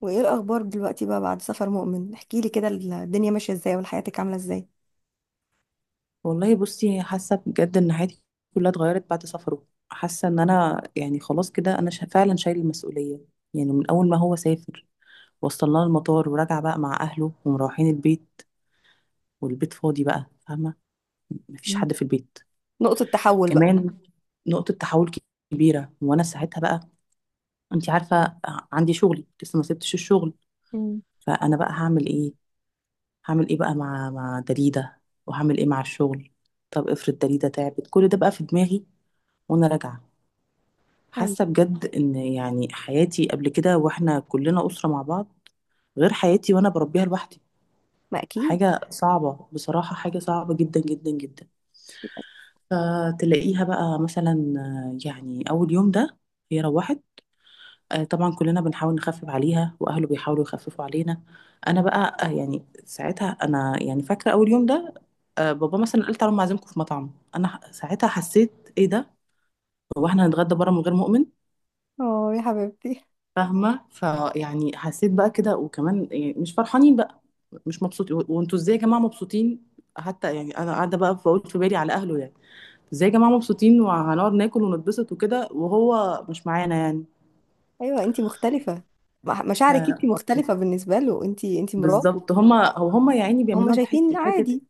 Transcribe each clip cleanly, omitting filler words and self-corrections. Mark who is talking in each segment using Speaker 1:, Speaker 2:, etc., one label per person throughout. Speaker 1: وايه الاخبار دلوقتي بقى بعد سفر مؤمن؟ احكي لي كده الدنيا ماشيه ازاي وحياتك عامله ازاي؟
Speaker 2: والله بصي، حاسه بجد ان حياتي كلها اتغيرت بعد سفره. حاسه ان انا يعني خلاص كده انا فعلا شايل المسؤوليه. يعني من اول ما هو سافر، وصلنا المطار ورجع بقى مع اهله ومروحين البيت، والبيت فاضي بقى، فاهمه؟ مفيش
Speaker 1: مم.
Speaker 2: حد في البيت
Speaker 1: نقطه تحول بقى.
Speaker 2: كمان. نقطه تحول كبيره، وانا ساعتها بقى، انت عارفه، عندي شغلي لسه ما سبتش الشغل.
Speaker 1: مم.
Speaker 2: فانا بقى هعمل ايه؟ هعمل ايه بقى مع دليده، وهعمل ايه مع الشغل؟ طب افرض دليده تعبت؟ كل ده بقى في دماغي وانا راجعه.
Speaker 1: أيوة.
Speaker 2: حاسه بجد ان يعني حياتي قبل كده، واحنا كلنا اسره مع بعض، غير حياتي وانا بربيها لوحدي.
Speaker 1: ما اكيد.
Speaker 2: حاجه صعبه بصراحه، حاجه صعبه جدا جدا جدا. فتلاقيها بقى مثلا، يعني اول يوم ده هي روحت. طبعا كلنا بنحاول نخفف عليها، واهله بيحاولوا يخففوا علينا. انا بقى يعني ساعتها انا يعني فاكره اول يوم ده. بابا مثلا قال تعالوا، أنا عازمكم في مطعم. انا ساعتها حسيت ايه ده، هو احنا هنتغدى بره من غير مؤمن؟
Speaker 1: اه يا حبيبتي.
Speaker 2: فاهمه؟ فيعني حسيت بقى كده، وكمان يعني مش فرحانين بقى، مش مبسوطين. و- وانتوا ازاي يا جماعه مبسوطين؟ حتى يعني انا قاعده بقى بقول في بالي على اهله، يعني ازاي يا جماعه مبسوطين وهنقعد ناكل ونتبسط وكده وهو مش معانا يعني؟
Speaker 1: ايوه انتي مختلفه، مشاعرك انتي
Speaker 2: ف-
Speaker 1: مختلفه بالنسبه له، انتي مراته.
Speaker 2: بالظبط هما، هما يا عيني
Speaker 1: هم
Speaker 2: بيعملوها بحس
Speaker 1: شايفين
Speaker 2: حته.
Speaker 1: عادي.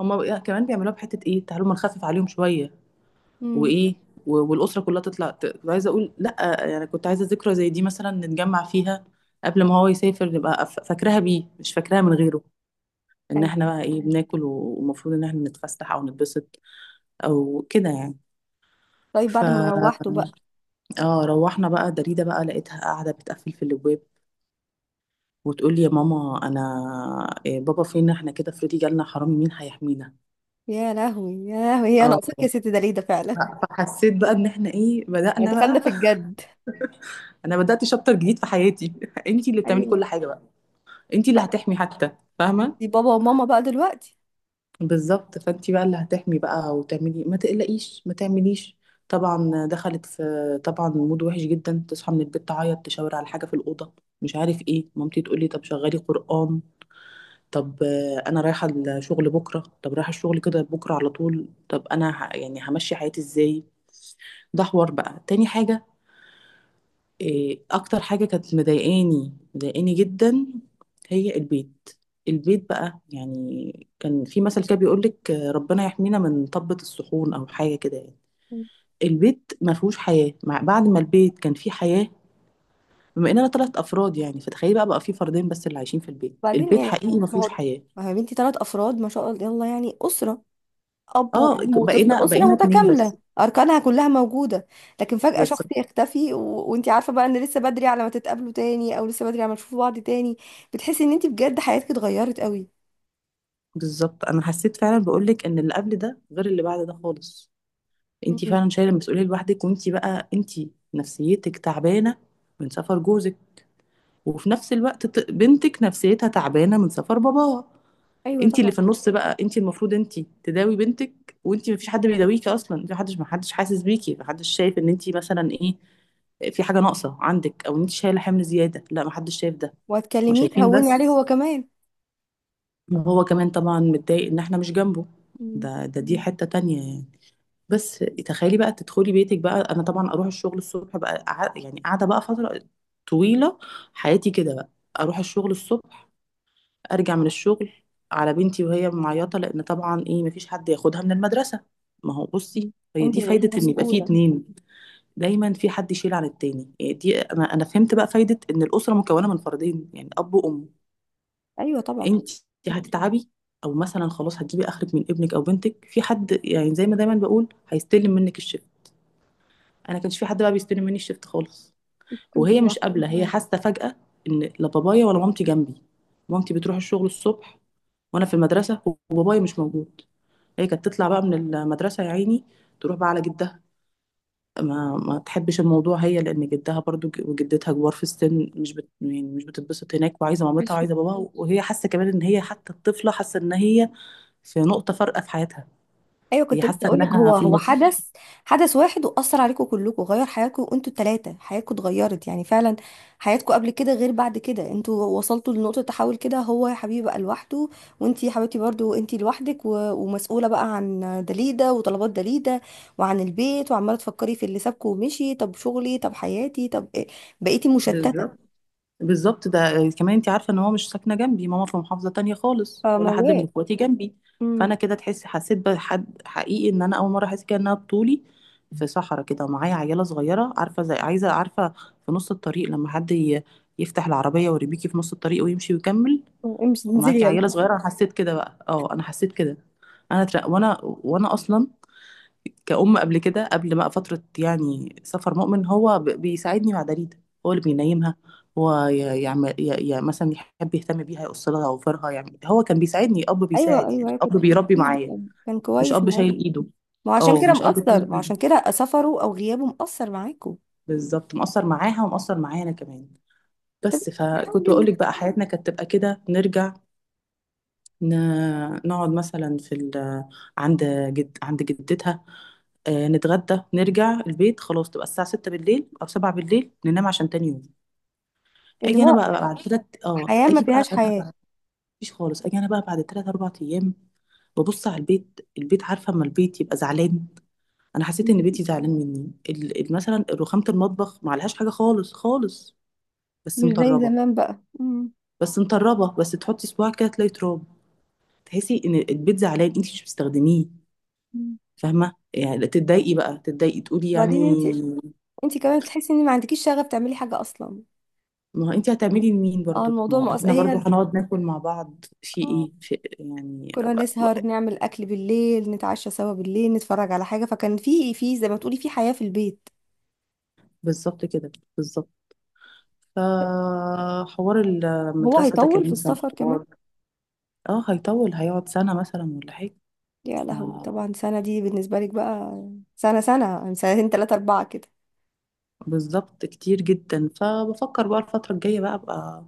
Speaker 2: كمان بيعملوها بحته ايه، تعالوا ما نخفف عليهم شويه.
Speaker 1: امم.
Speaker 2: وايه، والاسره كلها تطلع. كنت عايزه اقول لا يعني، كنت عايزه ذكرى زي دي مثلا نتجمع فيها قبل ما هو يسافر، نبقى فاكراها بيه، مش فاكراها من غيره. ان
Speaker 1: أيوة.
Speaker 2: احنا بقى ايه، بناكل، ومفروض ان احنا نتفسح او نتبسط او كده يعني.
Speaker 1: طيب
Speaker 2: ف
Speaker 1: بعد ما روحتوا بقى؟
Speaker 2: اه روحنا بقى، دريدة بقى لقيتها قاعدة بتقفل في الابواب وتقول لي يا ماما، انا إيه، بابا فين، احنا كده افرضي جالنا حرامي مين هيحمينا؟
Speaker 1: يا لهوي يا لهوي، هي
Speaker 2: اه.
Speaker 1: ناقصاك يا ستي؟ ده ليه ده فعلا؟
Speaker 2: ف- فحسيت بقى ان احنا ايه،
Speaker 1: يعني
Speaker 2: بدأنا
Speaker 1: دخلنا
Speaker 2: بقى.
Speaker 1: في الجد.
Speaker 2: انا بدأت شابتر جديد في حياتي. انتي اللي بتعملي
Speaker 1: ايوه.
Speaker 2: كل حاجة بقى، انتي اللي هتحمي حتى، فاهمة؟
Speaker 1: دي بابا وماما بقى دلوقتي.
Speaker 2: بالظبط. فانت بقى اللي هتحمي بقى وتعملي، ما تقلقيش، ما تعمليش. طبعا دخلت في طبعا مود وحش جدا، تصحى من البيت تعيط، تشاور على حاجه في الاوضه مش عارف ايه. مامتي تقول لي طب شغلي قران. طب انا رايحه الشغل بكره، طب رايحه الشغل كده بكره على طول؟ طب انا يعني همشي حياتي ازاي؟ ده حوار بقى. تاني حاجه، إيه اكتر حاجه كانت مضايقاني، مضايقاني جدا، هي البيت. البيت بقى يعني، كان في مثل كده بيقولك ربنا يحمينا من طبة الصحون او حاجه كده يعني. البيت ما فيهوش حياه، مع بعد ما البيت كان فيه حياه، بما اننا ثلاث افراد يعني. فتخيلي بقى، بقى في فردين بس اللي عايشين في البيت،
Speaker 1: بعدين
Speaker 2: البيت
Speaker 1: يعني،
Speaker 2: حقيقي ما
Speaker 1: ما
Speaker 2: فيهوش
Speaker 1: هو
Speaker 2: حياه.
Speaker 1: ما هو يا بنتي، 3 افراد ما شاء الله، يلا يعني اسره. اب
Speaker 2: اه،
Speaker 1: وام وطفل،
Speaker 2: بقينا
Speaker 1: اسره
Speaker 2: بقينا اتنين بس.
Speaker 1: متكامله اركانها كلها موجوده. لكن فجاه شخص
Speaker 2: بالظبط.
Speaker 1: يختفي وانت عارفه بقى ان لسه بدري على ما تتقابلوا تاني، او لسه بدري على ما تشوفوا بعض تاني. بتحسي ان انت بجد حياتك اتغيرت قوي.
Speaker 2: بالظبط، انا حسيت فعلا بقولك ان اللي قبل ده غير اللي بعد ده خالص. انت
Speaker 1: مم.
Speaker 2: فعلا شايله المسؤوليه لوحدك، وانت بقى انت نفسيتك تعبانه من سفر جوزك، وفي نفس الوقت، بنتك نفسيتها تعبانه من سفر باباها.
Speaker 1: ايوه
Speaker 2: انت اللي
Speaker 1: طبعا.
Speaker 2: في النص بقى، انت المفروض انت تداوي بنتك، وانت مفيش حد بيداويكي اصلا. انت محدش حاسس بيكي، محدش شايف ان انت مثلا ايه، في حاجه ناقصه عندك او انت شايله حمل زياده، لا، محدش شايف ده. ما
Speaker 1: وهتكلميه
Speaker 2: شايفين
Speaker 1: تهوني عليه
Speaker 2: بس.
Speaker 1: هو كمان.
Speaker 2: وهو كمان طبعا متضايق ان احنا مش جنبه.
Speaker 1: مم.
Speaker 2: ده ده دي حته تانية يعني. بس تخيلي بقى تدخلي بيتك بقى، انا طبعا اروح الشغل الصبح بقى، يعني قاعده بقى فتره طويله حياتي كده بقى. اروح الشغل الصبح، ارجع من الشغل على بنتي وهي معيطه، لان طبعا ايه، مفيش حد ياخدها من المدرسه. ما هو بصي، هي
Speaker 1: انت
Speaker 2: دي
Speaker 1: اللي بقيتي
Speaker 2: فايده ان يبقى في
Speaker 1: مسؤوله.
Speaker 2: اتنين، دايما في حد يشيل عن التاني يعني. دي انا فهمت بقى فايده ان الاسره مكونه من فردين يعني، اب وام.
Speaker 1: ايوه طبعا.
Speaker 2: انت هتتعبي، او مثلا خلاص هتجيبي اخرك من ابنك او بنتك، في حد يعني زي ما دايما بقول هيستلم منك الشغل. انا كانش في حد بقى بيستلم مني الشفت خالص.
Speaker 1: كنت
Speaker 2: وهي مش
Speaker 1: لوحدك.
Speaker 2: قابله، هي حاسه فجاه ان لا بابايا ولا مامتي جنبي. مامتي بتروح الشغل الصبح وانا في المدرسه، وبابايا مش موجود. هي كانت تطلع بقى من المدرسه يا عيني، تروح بقى على جدها. ما تحبش الموضوع هي، لان جدها برضو، ج- وجدتها كبار في السن. مش يعني مش بتتبسط هناك، وعايزه مامتها وعايزه باباها. وهي حاسه كمان ان هي، حتى الطفله حاسه ان هي في نقطه فارقه في حياتها.
Speaker 1: ايوه.
Speaker 2: هي
Speaker 1: كنت لسه
Speaker 2: حاسه
Speaker 1: اقول لك،
Speaker 2: انها
Speaker 1: هو
Speaker 2: في
Speaker 1: هو
Speaker 2: النص.
Speaker 1: حدث واحد، واثر عليكم كلكم، غير حياتكم انتوا الثلاثه، حياتكم اتغيرت يعني فعلا. حياتكم قبل كده غير بعد كده. انتوا وصلتوا لنقطه تحول كده. هو يا حبيبي بقى لوحده، وانتي يا حبيبتي برضو انتي لوحدك ومسؤوله بقى عن دليده وطلبات دليده وعن البيت، وعماله تفكري في اللي سابكم ومشي. طب شغلي، طب حياتي، طب إيه؟ بقيتي مشتته.
Speaker 2: بالظبط. بالظبط، ده كمان انت عارفه ان هو مش ساكنه جنبي، ماما في محافظه تانية خالص، ولا حد من
Speaker 1: فموال.
Speaker 2: اخواتي جنبي.
Speaker 1: امم.
Speaker 2: فانا كده تحس، حسيت بحد حقيقي ان انا اول مره احس كده انها بطولي، في صحراء كده ومعايا عياله صغيره. عارفه زي عايزه، عارفه في نص الطريق لما حد يفتح العربيه ويربيكي في نص الطريق ويمشي ويكمل
Speaker 1: امشي انزلي
Speaker 2: ومعاكي
Speaker 1: يلا.
Speaker 2: عياله صغيره. انا حسيت كده بقى، اه، انا حسيت كده. انا تر... وانا، اصلا كأم قبل كده، قبل بقى فترة يعني سفر مؤمن، هو بيساعدني مع دليدا. هو اللي بينيمها، هو يعمل، مثلا يحب يهتم بيها، يقص لها أوفرها. يعني هو كان بيساعدني، أب
Speaker 1: ايوه
Speaker 2: بيساعد
Speaker 1: ايوه
Speaker 2: يعني،
Speaker 1: أيوة،
Speaker 2: أب
Speaker 1: كنت في
Speaker 2: بيربي
Speaker 1: حديد.
Speaker 2: معايا،
Speaker 1: كان
Speaker 2: مش
Speaker 1: كويس
Speaker 2: أب شايل
Speaker 1: معاكم.
Speaker 2: إيده.
Speaker 1: ما هو عشان
Speaker 2: اه،
Speaker 1: كده
Speaker 2: مش أب
Speaker 1: مأثر،
Speaker 2: شايل
Speaker 1: ما هو
Speaker 2: إيده،
Speaker 1: عشان كده سفره أو غيابه مأثر معاكوا.
Speaker 2: بالظبط. مقصر معاها ومقصر معايا أنا كمان.
Speaker 1: طب
Speaker 2: بس فكنت بقول
Speaker 1: حاولي.
Speaker 2: لك بقى، حياتنا كانت تبقى كده، نرجع نقعد مثلا في عند عند جدتها، نتغدى، نرجع البيت خلاص، تبقى الساعة 6 بالليل أو 7 بالليل، ننام عشان تاني يوم.
Speaker 1: اللي
Speaker 2: أجي أنا
Speaker 1: هو
Speaker 2: بقى بعد تلات، اه،
Speaker 1: حياة ما
Speaker 2: أجي بقى
Speaker 1: فيهاش حياة.
Speaker 2: أنا، مفيش خالص. أجي أنا بقى بعد تلات أربع أيام، ببص على البيت. البيت عارفة أما البيت يبقى زعلان؟ أنا حسيت إن
Speaker 1: مم.
Speaker 2: بيتي زعلان مني. مثلا رخامة المطبخ ما عليهاش حاجة خالص خالص، بس
Speaker 1: مش زي
Speaker 2: مطربة.
Speaker 1: زمان بقى. مم.
Speaker 2: بس مطربة، بس تحطي صباعك كده تلاقي تراب. تحسي إن البيت زعلان، أنت مش بتستخدميه،
Speaker 1: مم.
Speaker 2: فاهمه؟ يعني تتضايقي بقى، تتضايقي تقولي يعني.
Speaker 1: وبعدين انت كمان بتحسي ان ما عندكيش شغف تعملي حاجة أصلا.
Speaker 2: ما هو انت هتعملي لمين
Speaker 1: اه
Speaker 2: برضو؟ ما
Speaker 1: الموضوع
Speaker 2: هو
Speaker 1: مؤثر
Speaker 2: احنا برضو
Speaker 1: هي.
Speaker 2: هنقعد ناكل مع بعض في
Speaker 1: اه
Speaker 2: ايه، في يعني،
Speaker 1: كنا نسهر نعمل أكل بالليل، نتعشى سوا بالليل، نتفرج على حاجة، فكان في زي ما تقولي في حياة في البيت.
Speaker 2: بالظبط كده، بالظبط. فحوار
Speaker 1: هو
Speaker 2: المدرسة ده
Speaker 1: هيطول في
Speaker 2: كمان كان
Speaker 1: السفر كمان؟
Speaker 2: حوار. اه، هيطول، هيقعد سنة مثلا ولا حاجة.
Speaker 1: يا
Speaker 2: ف-
Speaker 1: لهوي، طبعا سنة دي بالنسبة لك بقى. سنة سنة يعني سنتين تلاتة أربعة كده.
Speaker 2: بالظبط، كتير جدا. فبفكر بقى الفترة الجاية بقى ابقى،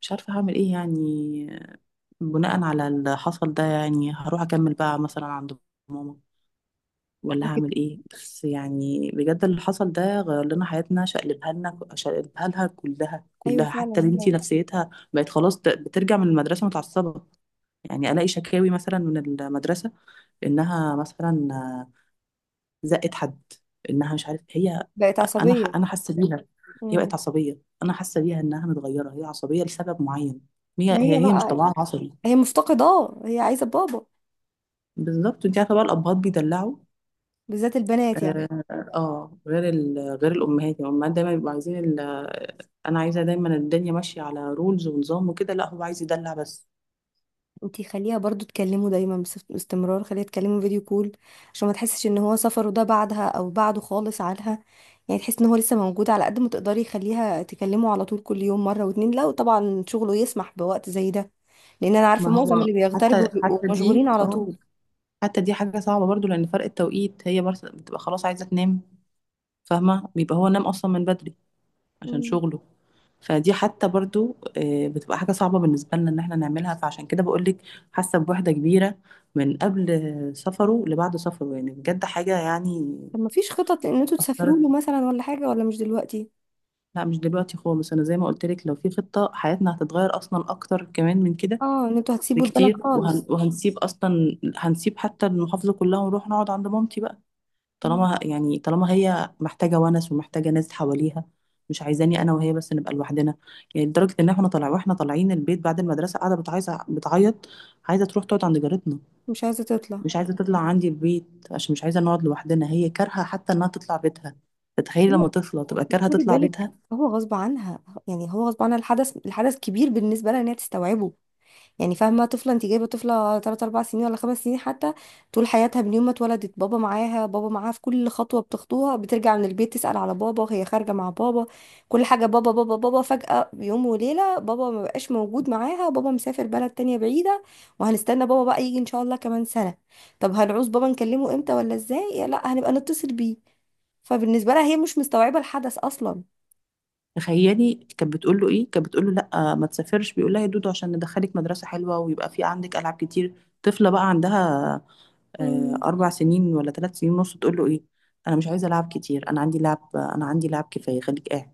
Speaker 2: مش عارفة هعمل ايه يعني، بناء على اللي حصل ده. يعني هروح اكمل بقى مثلا عند ماما، ولا هعمل ايه؟ بس يعني بجد اللي حصل ده غير لنا حياتنا، شقلبها لنا، شقلبها لها كلها
Speaker 1: ايوه
Speaker 2: كلها،
Speaker 1: فعلا
Speaker 2: حتى بنتي
Speaker 1: هي
Speaker 2: نفسيتها بقت خلاص. بترجع من المدرسة متعصبة، يعني الاقي شكاوي مثلا من المدرسة انها مثلا زقت حد، انها مش عارف هي.
Speaker 1: بقت عصبيه.
Speaker 2: انا حاسة بيها، هي
Speaker 1: امم.
Speaker 2: بقت عصبية. انا حاسة بيها انها متغيرة، هي عصبية لسبب معين. هي
Speaker 1: ما
Speaker 2: هي
Speaker 1: هي
Speaker 2: هي مش
Speaker 1: بقى
Speaker 2: طبعها عصبي.
Speaker 1: هي مفتقده. اه هي عايزه بابا.
Speaker 2: بالظبط، انت عارفة بقى الابهات بيدلعوا.
Speaker 1: بالذات البنات يعني.
Speaker 2: اه، غير غير الامهات يعني. الامهات دايما بيبقوا عايزين انا عايزه دايما الدنيا ماشيه على رولز ونظام وكده، لا هو عايز يدلع بس.
Speaker 1: انتي خليها برضو تكلمه دايما، باستمرار خليها تكلمه فيديو كول، عشان ما تحسش ان هو سفره ده بعدها او بعده خالص عنها. يعني تحس ان هو لسه موجود. على قد ما تقدري خليها تكلمه على طول، كل يوم مره واتنين، لو طبعا شغله يسمح بوقت زي ده، لان انا عارفه
Speaker 2: ما
Speaker 1: معظم
Speaker 2: هو،
Speaker 1: اللي
Speaker 2: حتى
Speaker 1: بيغتربوا بيبقوا
Speaker 2: حتى دي
Speaker 1: مشغولين على
Speaker 2: اه
Speaker 1: طول.
Speaker 2: حتى دي حاجه صعبه برضو، لان فرق التوقيت، هي برضه بتبقى خلاص عايزه تنام، فاهمه؟ بيبقى هو نام اصلا من بدري عشان
Speaker 1: امم.
Speaker 2: شغله. فدي حتى برضو بتبقى حاجه صعبه بالنسبه لنا ان احنا نعملها. فعشان كده بقول لك، حاسه بوحده كبيره من قبل سفره لبعد سفره. يعني بجد حاجه يعني،
Speaker 1: طب ما فيش خطط ان انتوا تسافروا له
Speaker 2: اثرت.
Speaker 1: مثلا، ولا حاجه؟ ولا مش دلوقتي.
Speaker 2: لا، مش دلوقتي خالص. انا زي ما قلت لك، لو في خطة، حياتنا هتتغير اصلا اكتر كمان من كده
Speaker 1: اه ان انتوا هتسيبوا البلد
Speaker 2: بكتير.
Speaker 1: خالص.
Speaker 2: وهنسيب اصلا، هنسيب حتى المحافظة كلها ونروح نقعد عند مامتي بقى.
Speaker 1: مم.
Speaker 2: طالما يعني طالما هي محتاجة ونس، ومحتاجة ناس حواليها، مش عايزاني انا وهي بس نبقى لوحدنا. يعني لدرجة ان احنا طالع، واحنا طالعين البيت بعد المدرسة، قاعدة بتعايزة بتعيط، عايزة تروح تقعد عند جارتنا،
Speaker 1: مش عايزة تطلع.
Speaker 2: مش عايزة تطلع عندي البيت، عشان مش عايزة نقعد لوحدنا. هي كارهة حتى انها تطلع بيتها. تتخيل
Speaker 1: هي،
Speaker 2: لما طفلة تبقى كارهة
Speaker 1: خدي
Speaker 2: تطلع
Speaker 1: بالك،
Speaker 2: بيتها؟
Speaker 1: هو غصب عنها، يعني هو غصب عنها الحدث، الحدث كبير بالنسبة لها ان هي تستوعبه. يعني فاهمة؟ طفلة، انت جايبة طفلة 3 4 سنين ولا 5 سنين حتى. طول حياتها من يوم ما اتولدت بابا معاها، بابا معاها في كل خطوة بتخطوها، بترجع من البيت تسأل على بابا، وهي خارجة مع بابا، كل حاجة بابا بابا بابا. فجأة يوم وليلة بابا ما بقاش موجود معاها، بابا مسافر بلد تانية بعيدة، وهنستنى بابا بقى يجي ان شاء الله كمان سنة. طب هنعوز بابا، نكلمه امتى ولا ازاي؟ لا، هنبقى نتصل بيه. فبالنسبة لها هي مش مستوعبة الحدث أصلا.
Speaker 2: تخيلي كانت بتقول له ايه، كانت بتقول له لا ما تسافرش. بيقول لها يا دودو، عشان ندخلك مدرسه حلوه ويبقى في عندك العاب كتير. طفله بقى عندها
Speaker 1: مم.
Speaker 2: اربع سنين ولا ثلاث سنين ونص، تقول له ايه؟ انا مش عايزه العاب كتير، انا عندي لعب، انا عندي لعب كفايه، خليك قاعد.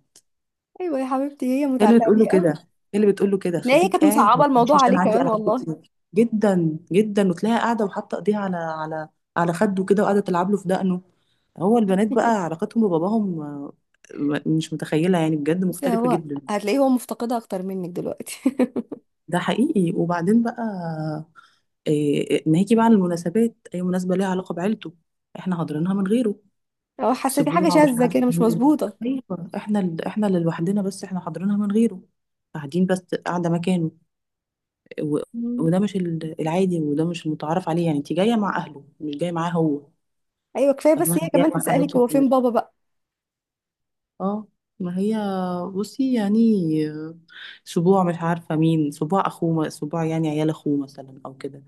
Speaker 1: أيوة يا حبيبتي هي
Speaker 2: هي اللي
Speaker 1: متعلقة
Speaker 2: بتقول
Speaker 1: بيه
Speaker 2: له كده،
Speaker 1: قوي.
Speaker 2: هي اللي بتقول له كده،
Speaker 1: هتلاقي هي
Speaker 2: خليك
Speaker 1: كانت
Speaker 2: قاعد ما
Speaker 1: مصعبة الموضوع
Speaker 2: تمشيش،
Speaker 1: عليه
Speaker 2: انا عندي
Speaker 1: كمان
Speaker 2: العاب
Speaker 1: والله.
Speaker 2: كتير جدا جدا. وتلاقيها قاعده وحاطه ايديها على، على على خده كده وقاعده تلعب له في دقنه. هو البنات بقى علاقتهم بباباهم مش متخيله يعني، بجد
Speaker 1: بس
Speaker 2: مختلفه
Speaker 1: هو
Speaker 2: جدا.
Speaker 1: هتلاقيه هو مفتقدها أكتر منك دلوقتي.
Speaker 2: ده حقيقي. وبعدين بقى، إيه، ناجي بقى على المناسبات، اي مناسبه ليها علاقه بعيلته، احنا حاضرينها من غيره.
Speaker 1: هو حاسة في حاجة
Speaker 2: سبوع مش
Speaker 1: شاذة
Speaker 2: عارف
Speaker 1: كده، مش
Speaker 2: مين،
Speaker 1: مظبوطة.
Speaker 2: ايوه احنا احنا اللي لوحدنا بس، احنا حاضرينها من غيره، قاعدين بس قاعده مكانه. و...
Speaker 1: مم.
Speaker 2: وده مش العادي، وده مش المتعارف عليه. يعني انت جايه مع اهله، مش جايه معاه هو،
Speaker 1: أيوة كفاية
Speaker 2: فاهمه؟
Speaker 1: بس هي
Speaker 2: انت جايه
Speaker 1: كمان
Speaker 2: مع
Speaker 1: تسألك
Speaker 2: حماكي
Speaker 1: هو فين
Speaker 2: وحماتي.
Speaker 1: بابا بقى.
Speaker 2: اه. ما هي بصي يعني، آه، سبوع مش عارفه مين، سبوع اخوه، سبوع يعني عيال اخوه مثلا او كده.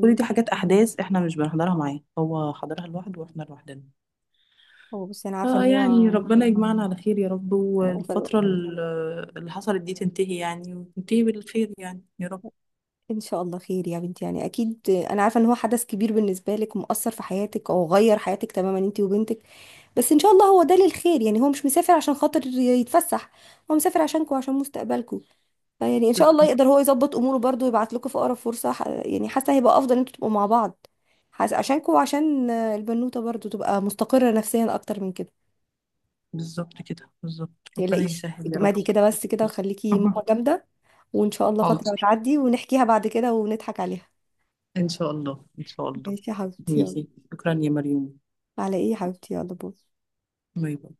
Speaker 2: كل دي حاجات، احداث احنا مش بنحضرها معاه، هو حضرها لوحده واحنا لوحدنا.
Speaker 1: هو بصي،
Speaker 2: اه. يعني ربنا يجمعنا على خير يا رب،
Speaker 1: أنا عارفة إن هو.
Speaker 2: والفترة اللي حصلت دي تنتهي، يعني وتنتهي بالخير يعني يا رب.
Speaker 1: إن شاء الله خير يا بنتي. يعني أكيد أنا عارفة إن هو حدث كبير بالنسبة لك ومؤثر في حياتك، أو غير حياتك تماما أنت وبنتك. بس ان شاء الله هو ده للخير. يعني هو مش مسافر عشان خاطر يتفسح، هو مسافر عشانكم وعشان مستقبلكم. فيعني ان شاء الله
Speaker 2: بالظبط.
Speaker 1: يقدر هو يظبط اموره برضو ويبعت لكم في اقرب فرصة، يعني حاسة هيبقى افضل ان انتوا تبقوا مع بعض. حاسة عشانكم، وعشان البنوتة برضو تبقى مستقرة نفسيا اكتر من كده.
Speaker 2: بالظبط كده، بالظبط، ربنا
Speaker 1: متقلقيش،
Speaker 2: يسهل يا رب.
Speaker 1: اجمدي كده بس كده، وخليكي ماما جامدة. وان شاء الله فترة
Speaker 2: حاضر،
Speaker 1: هتعدي ونحكيها بعد كده ونضحك عليها.
Speaker 2: ان شاء الله ان شاء الله.
Speaker 1: ماشي يا حبيبتي يلا.
Speaker 2: ماشي، شكرا يا مريم.
Speaker 1: على ايه يا حبيبتي؟ يلا باي.
Speaker 2: باي باي.